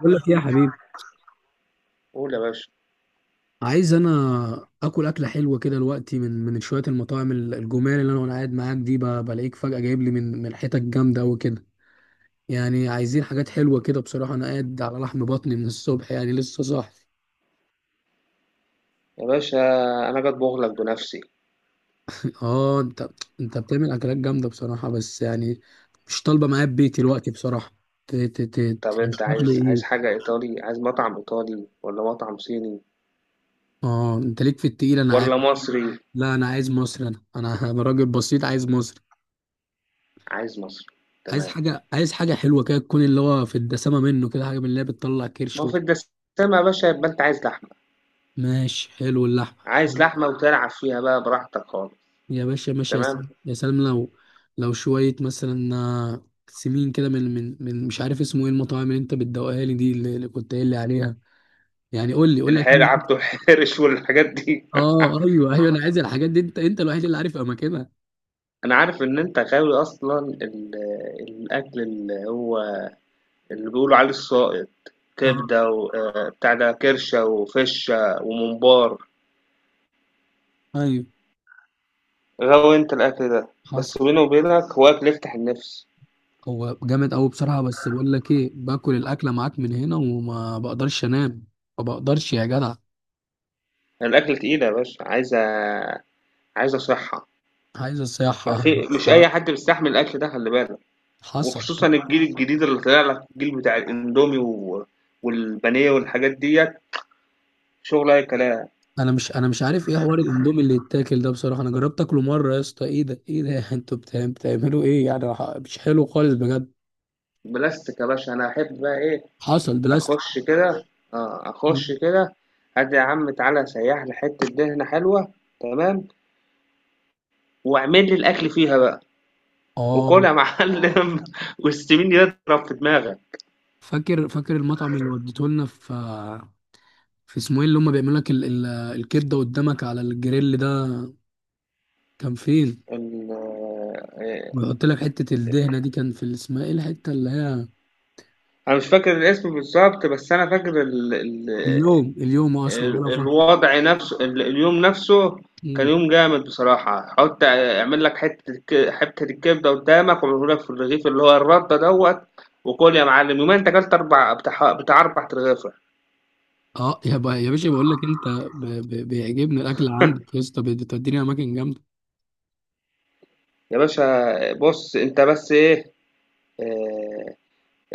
بقول لك إيه يا حبيبي؟ قول يا باشا. عايز انا اكل اكله حلوه كده دلوقتي من شويه المطاعم الجمال اللي انا وانا قاعد معاك دي، بلاقيك فجاه جايب لي من حتت جامده قوي كده. يعني عايزين حاجات حلوه كده بصراحه، انا قاعد على لحم بطني من الصبح، يعني لسه صاحي. يا باشا انا جاي اطبخ لك بنفسي. اه انت، انت بتعمل اكلات جامده بصراحه، بس يعني مش طالبه معايا ببيتي دلوقتي بصراحه. طب انت ترشح لي عايز ايه؟ حاجه ايطالي، عايز مطعم ايطالي ولا مطعم صيني اه انت ليك في التقيل انا عارف. ولا مصري؟ لا انا عايز مصري، انا أنا راجل بسيط عايز مصري. عايز مصري، عايز تمام. حاجة، عايز حاجة حلوة كده تكون اللي هو في الدسامة منه، كده حاجة من اللي هي بتطلع ما كرش هو في الدسامه يا باشا، يبقى انت عايز لحمه. ماشي، حلو اللحمة. عايز لحمه وتلعب فيها بقى براحتك خالص. يا باشا ماشي، يا تمام. سلام يا سلام، لو شوية مثلا آه، سمين كده من مش عارف اسمه ايه، المطاعم اللي انت بتدوقها لي دي اللي كنت قايل لي عليها. يعني قول لي الحيل عبده الحرش والحاجات دي. اه ايوه ايوه، انا عايز الحاجات دي، انت الوحيد اللي عارف اماكنها. انا عارف ان انت غاوي اصلا الاكل اللي هو اللي بيقولوا عليه السائط، اه، كبده وبتاع ده، كرشه وفشه وممبار. ايوه، غوي أنت الأكل ده، حصل. بس بيني وبينك هو أكل يفتح النِفس. هو جامد قوي بصراحة، بس بقول لك ايه، باكل الاكلة معاك من هنا وما بقدرش انام، ما بقدرش يا جدع. يعني الأكل تقيل يا باشا، عايزة صحة. عايز ما الصياحة. في مش أي حد بيستحمل الأكل ده، خلّي بالك، حصل. وخصوصًا الجيل الجديد اللي طالع لك، الجيل بتاع الإندومي و والبانيه والحاجات ديّة، شغل أي كلام. انا مش عارف ايه حوار الاندومي اللي يتاكل ده بصراحة، انا جربت اكله مرة يا اسطى، ايه ده ايه ده؟ انتوا بتعملوا ايه يعني؟ مش حلو خالص بجد. بلاستيك يا باشا. أنا أحب بقى إيه؟ حصل، بلاستيك. أخُش كده أخُش كده. هات يا عم، تعالَ سيّح لي حتّة دهنة حلوة، تمام، واعمل لي الأكل فيها بقى، اه، وكُل يا معلم واستمِنّي اضرب في دماغك. فاكر، فاكر المطعم اللي وديته لنا في، في اسمه ايه اللي هم بيعملوا لك الكبدة قدامك على الجريل ده؟ كان فين؟ ال آه، ويحط لك حتة الدهنة دي، كان في اسمها ايه الحتة اللي هي؟ انا مش فاكر الاسم بالظبط، بس انا فاكر اليوم، اليوم اصلا بقى الوضع نفسه، اليوم نفسه كان فترة. يوم جامد بصراحة. حط اعمل لك حتة حتة الكبدة قدامك، وعمله لك في الرغيف اللي هو الردة دوت، وكل يا معلم. يومين انت اكلت اربع بتاع اربع رغيفة. اه يا يا باشا بقول لك انت، بيعجبني الاكل عندك يا اسطى، بتوديني اماكن جامده. يا باشا بص، انت بس ايه، آه،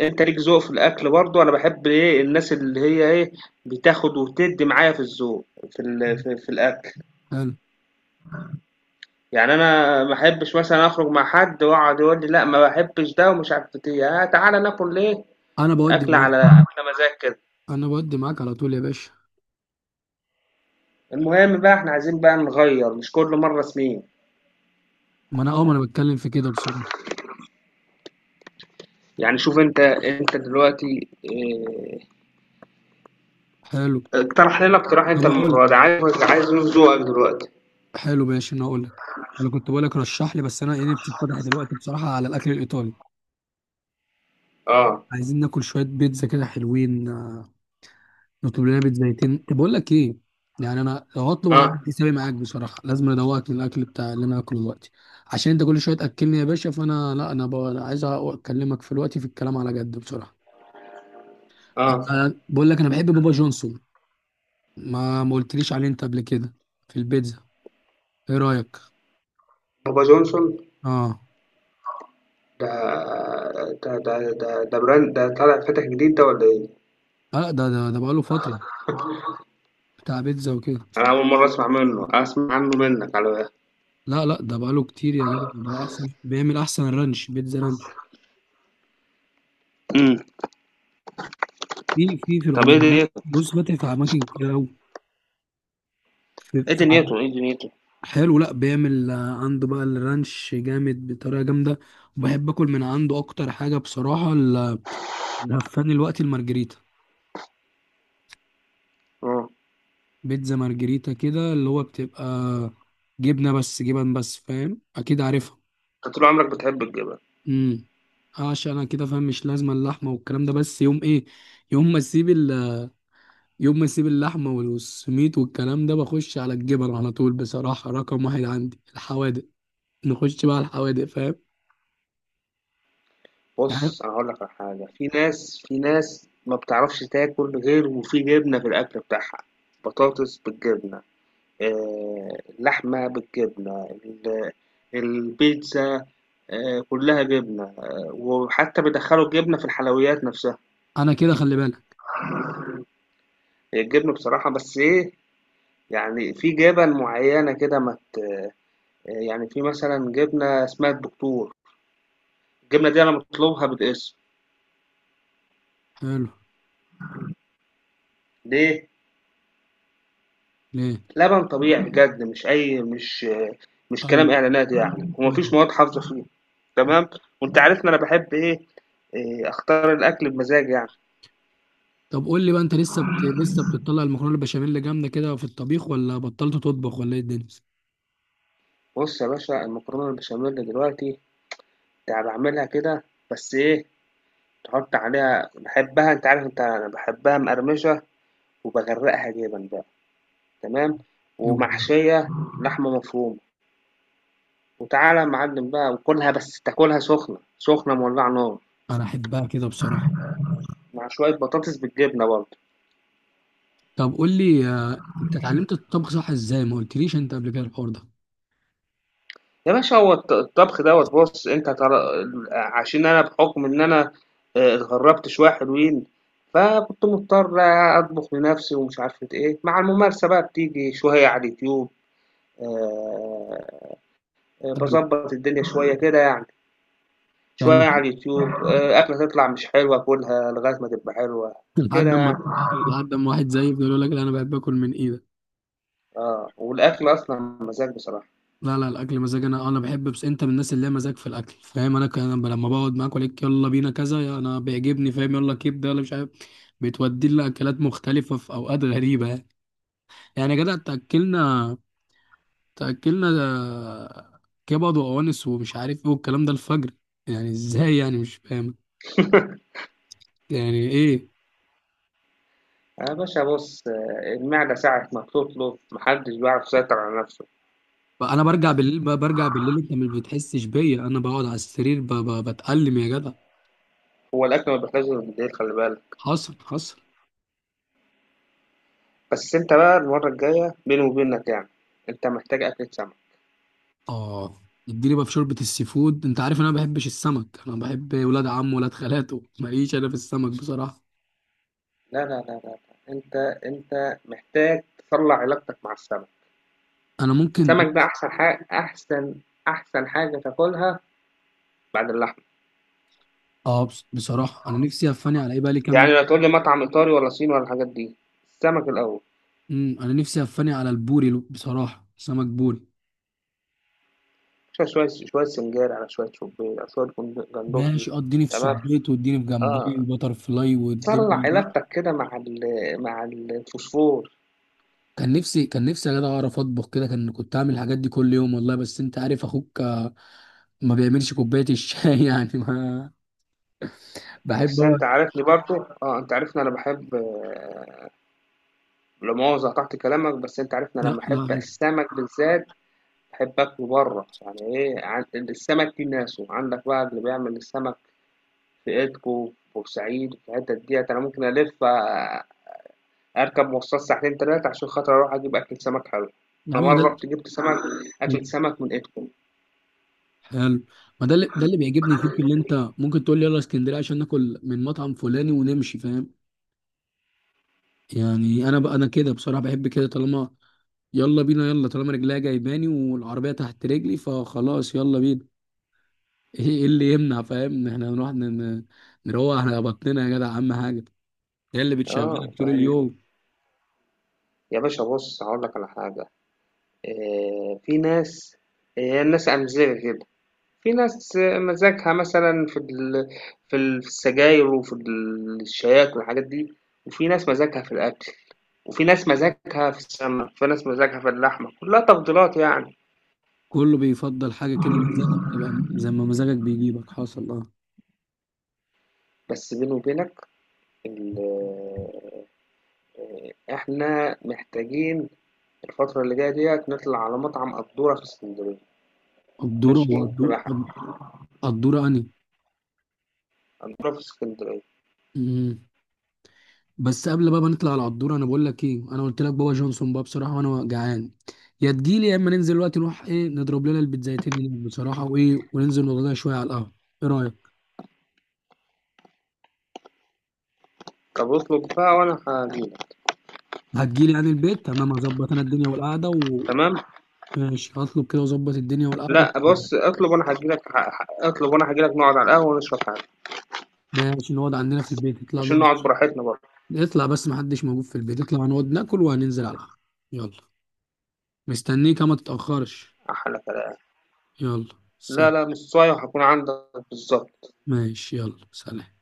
انت ليك ذوق في الاكل برضو. انا بحب ايه، الناس اللي هي ايه، بتاخد وتدي معايا في الذوق في في الاكل. حلو. يعني أنا ما أحبّش مثلًا أخرج مع حد ويقعد يقول لي لأ ما باحبّش ده ومش عارف بت، تعالَ ناكل إيه، انا بودي أكلة معاك، على مزاج كده. انا بودي معاك على طول يا باشا. المهم بقى إحنا عايزين بقى نغيّر، مش كل مرّه سمين. ما انا اه، ما انا بتكلم في كده بصراحه. يعني شوف أنت، أنت دلوقتي حلو. اقترح لنا اقتراح انا أنت بقول، المرّة دي، عايز نشوف ذوقك دلوقتي. حلو، ماشي انا اقول لك. انا كنت بقول لك رشح لي، بس انا ايه، بتتفتح دلوقتي بصراحه على الاكل الايطالي. آه. عايزين ناكل شويه بيتزا كده حلوين آه، نطلب لنا بيت زيتين. طب بقول لك ايه، يعني انا لو هطلب هعمل آه. حسابي معاك بصراحه، لازم ادوقك من الاكل بتاع اللي انا هاكله دلوقتي، عشان انت كل شويه تاكلني يا باشا. فانا لا، انا بقى أنا عايز اكلمك في الوقت، في الكلام على جد بصراحه. آه. أنا بقول لك انا بحب بابا جونسون. ما ما قلتليش عليه انت قبل كده؟ في البيتزا؟ ايه رايك؟ بابا جونسون؟ اه. ده ده ده ده brand ده طالع فاتح جديد ده والّا إيه؟ لا ده بقاله فتره، بتاع بيتزا وكده. أنا أول مرّة أسمع منّه، أسمع عنّه منّك على. لا لا، ده بقاله كتير يا جدع. ده احسن، بيعمل احسن رانش، بيتزا رانش. إمم. في طَب إيه العمر ده؟ بص، فاتح في اماكن كتير قوي. في، في ايه دنيته؟ حلو. لا، بيعمل آه، عنده بقى الرانش جامد بطريقة جامدة. وبحب اكل من عنده اكتر حاجة بصراحة الهفان الوقت المارجريتا، اه، بيتزا مارجريتا كده اللي هو بتبقى جبنة بس، جبن بس، فاهم، اكيد عارفها. انت طول عمرك بتحب الجبن. امم. عشان انا كده فاهم، مش لازمة اللحمة والكلام ده. بس يوم ايه؟ يوم ما اسيب ال... يوم ما اسيب اللحمة والسميت والكلام ده، بخش على الجبن على طول بصراحة. رقم واحد عندي الحوادق، نخش بقى على الحوادق، فاهم؟ يعني بص انا هقول لك على حاجه، في ناس، في ناس ما بتعرفش تاكل غير وفي جبنه في الاكل بتاعها. بطاطس بالجبنه، آه، اللحمه بالجبنه، البيتزا، آه، كلها جبنه، آه، وحتى بيدخلوا الجبنه في الحلويات نفسها. انا كده، خلي بالك. هي الجبنه بصراحه، بس ايه، يعني في جبن معينه كده ما ت- آه، يعني في مثلا جبنه اسمها الدكتور. الجبنه دي انا مطلوبها بالاسم. حلو. ليه؟ ليه؟ لبن طبيعي بجد، مش أي مش مش ايوه، كلام إعلانات يعني، ايوه. ومفيش مواد حافظة فيه. تمام. وأنت عارفني أنا بحب إيه، إيه، اختار الاكل بمزاج يعني. طب قول لي بقى، انت لسه لسه بتطلع المكرونه البشاميل جامده كده في الطبيخ، ولا بطلت تطبخ، ولا ايه الدنيا؟ بص يا باشا، المكرونه البشاميل دلوقتي يعني بعملها كده، بس ايه، تحط عليها، بحبها انت عارف، انت انا بحبها مقرمشه، وبغرقها جبن بقى، تمام، ايوه. ومحشيه لحمه مفرومه. وتعالى يا معلم بقى وكلها، بس تاكلها سخنه سخنه مولعه نار، انا احبها كده بصراحه. مع شويه بطاطس بالجبنه برضه. طب قول لي آه، انت اتعلمت الطبخ صح ازاي؟ ما قلتليش انت قبل كده الحوار ده. يا باشا، هو الطبخ دوّة، بُص، أنت هتعر، عشان أنا بحُكم إن أنا اتغرّبت شوية حلوين، فكنت مضطر أطبخ لنَفْسي ومش عارفة إيه. مع الممارسة بقى بتيجي شوية على اليوتيوب، آآ طب. باضبّط الدنيا شوية كده يعني. يعني شوية ما- على اليوتيوب، أكلة تطلع مش حلوة آكلها لغاية ما تبقى حلوة، لحد كده اما، يعني. لحد اما واحد زيي بيقول، يقول لك لا انا بحب اكل من ايدك. آه، والأكل أصلًا مزاج بصراحة. لا لا، الاكل مزاج، انا بحب، بس انت من الناس اللي هي مزاج في الاكل فاهم. انا كان أنا لما بقعد معاك اقول يلا بينا كذا، يا انا بيعجبني فاهم، يلا كبده ولا مش عارف، بتودي لي اكلات مختلفه في اوقات غريبه يعني. يعني يا جدع، تأكلنا ده كبد وأوانس ومش عارف ايه والكلام ده الفجر، يعني ازاي يعني؟ مش فاهم يعني ايه. يا باشا بُص، آه، المعدة ساعة ما بتطلب ما حدّش بيعرف يسيطر على نَفْسه. بقى انا برجع بالليل، بقى برجع بالليل انت ما بتحسش بيا، انا بقعد على السرير بتألم يا جدع. هو الأكل ما بيحتاجش غير بالليل، خلي بالك. حصل، حصل. بس أنت بقى المرة الجاية بيني وبينك يعني، أنت محتاج أكلة سمك. اه، اديني بقى في شوربة السي فود، انت عارف انا ما بحبش السمك، انا بحب ولاد عم ولاد خالاته ماليش انا في السمك بصراحة. لا لا لا لا لا. أنت أنت محتاج تطلع علاقتك مع السمك. انا ممكن. السمك ده أحسن حاجة، أحسن حاجة تاكلها بعد اللحمة. اه، بصراحة انا نفسي افاني على ايه، بقى لي كام يعني يوم. لا تقول لي مطعم إيطالي ولا صيني ولا الحاجات دي، السمك الأول. امم، انا نفسي افاني على البوري بصراحة، سمك بوري. شوية شوية سنجاري، على شوية شوبير، على شوية ماشي، جندوفلي. اه اديني في تمام. صبيط، واديني في جمبري اه. وبتر فلاي طلع والدنيا دي. علاقتك كده مع مع الفوسفور. كان نفسي يا جدع اعرف اطبخ كده، كان كنت اعمل الحاجات دي كل يوم والله، بس انت عارف اخوك ما بيعملش كوبايه الشاي. يعني ما بحب بس اقعد. أنت عارفني برضه، آه، أنت عارفني أنا باحب لا مؤاخذة قطعت كلامك، بس أنت عارفني أنا لا لمّا لا أحب عادي. السمك بالذات باحب آكله برّه. يعني إيه عن السمك ليه ناسه، عندك بقى اللي بيعمل السمك في إيدكو، في بورسعيد، في الحتت ديّة. أنا ممكن ألِف أركب مواصلات ساعتين 3 عشان خاطر أروح أجيب أكلة سمك حلوة. يا أنا عم مرّة رُحت جِبت سمك، أكلة سمك من إيدكو، حلو. ما ده اللي، ده اللي بيعجبني فيك، اللي انت ممكن تقول لي يلا اسكندريه عشان ناكل من مطعم فلاني ونمشي، فاهم؟ يعني انا بقى، انا كده بصراحه بحب كده، طالما يلا بينا، يلا طالما رجليا جايباني والعربيه تحت رجلي فخلاص يلا بينا. ايه إيه اللي يمنع فاهم ان احنا نروق على بطننا يا جدع، اهم حاجه، هي اللي آه. بتشغلك طول يعني اليوم. يا باشا بُص، هاقول لك على حاجة، في ناس، آه، هي الناس أمزجة كده. في ناس مزاجها مثلًا في ال في ال في السجاير، وفي الشياكة والحاجات دي، وفي ناس مزاجها في الأكل، وفي ناس مزاجها في السمك، وفي ناس مزاجها في اللحمة، كلّها تفضيلات يعني. كله بيفضل حاجه كده، مزاجه بتبقى زي ما مزاجك بيجيبك، حصل، اه. بس بيني وبينك ال إحنا محتاجين الفترة اللي جاية ديّة نطلع على مطعم قدّورة في إسكندرية. قدوره هو ماشي، قدور، تبقى قدوره اني. قدّورة في إسكندرية. أمم. بس قبل بقى ما نطلع على القدوره، انا بقول لك ايه، انا قلت لك بابا جونسون بقى بصراحه، وانا جعان. يا تجيلي يا اما ننزل دلوقتي نروح ايه، نضرب لنا البيتزايتين هناك بصراحه وايه، وننزل نقعد لنا شويه على القهوه. ايه رايك؟ طَب اطلب بقى وأنا هاجي لك، هتجيلي يعني البيت؟ تمام، هظبط انا الدنيا والقعده تمام؟ ماشي، هطلب كده واظبط الدنيا والقعده. لأ بُص، اطلب وأنا هاجي لك، ه ه اطلب وأنا هاجي لك نقعد على القهوة ونشرب حاجة. ماشي، نقعد عندنا في البيت، نطلع عشان نقعد، نقعد براحتنا برضه. نطلع بس محدش موجود في البيت، نطلع نقعد ناكل وهننزل على القهوه. يلا، مستنيك، ما تتاخرش. أحلى كلام. يلا لا سلام. لا، نصاية، وهكون عندك بالضبط. ماشي، يلا سلام.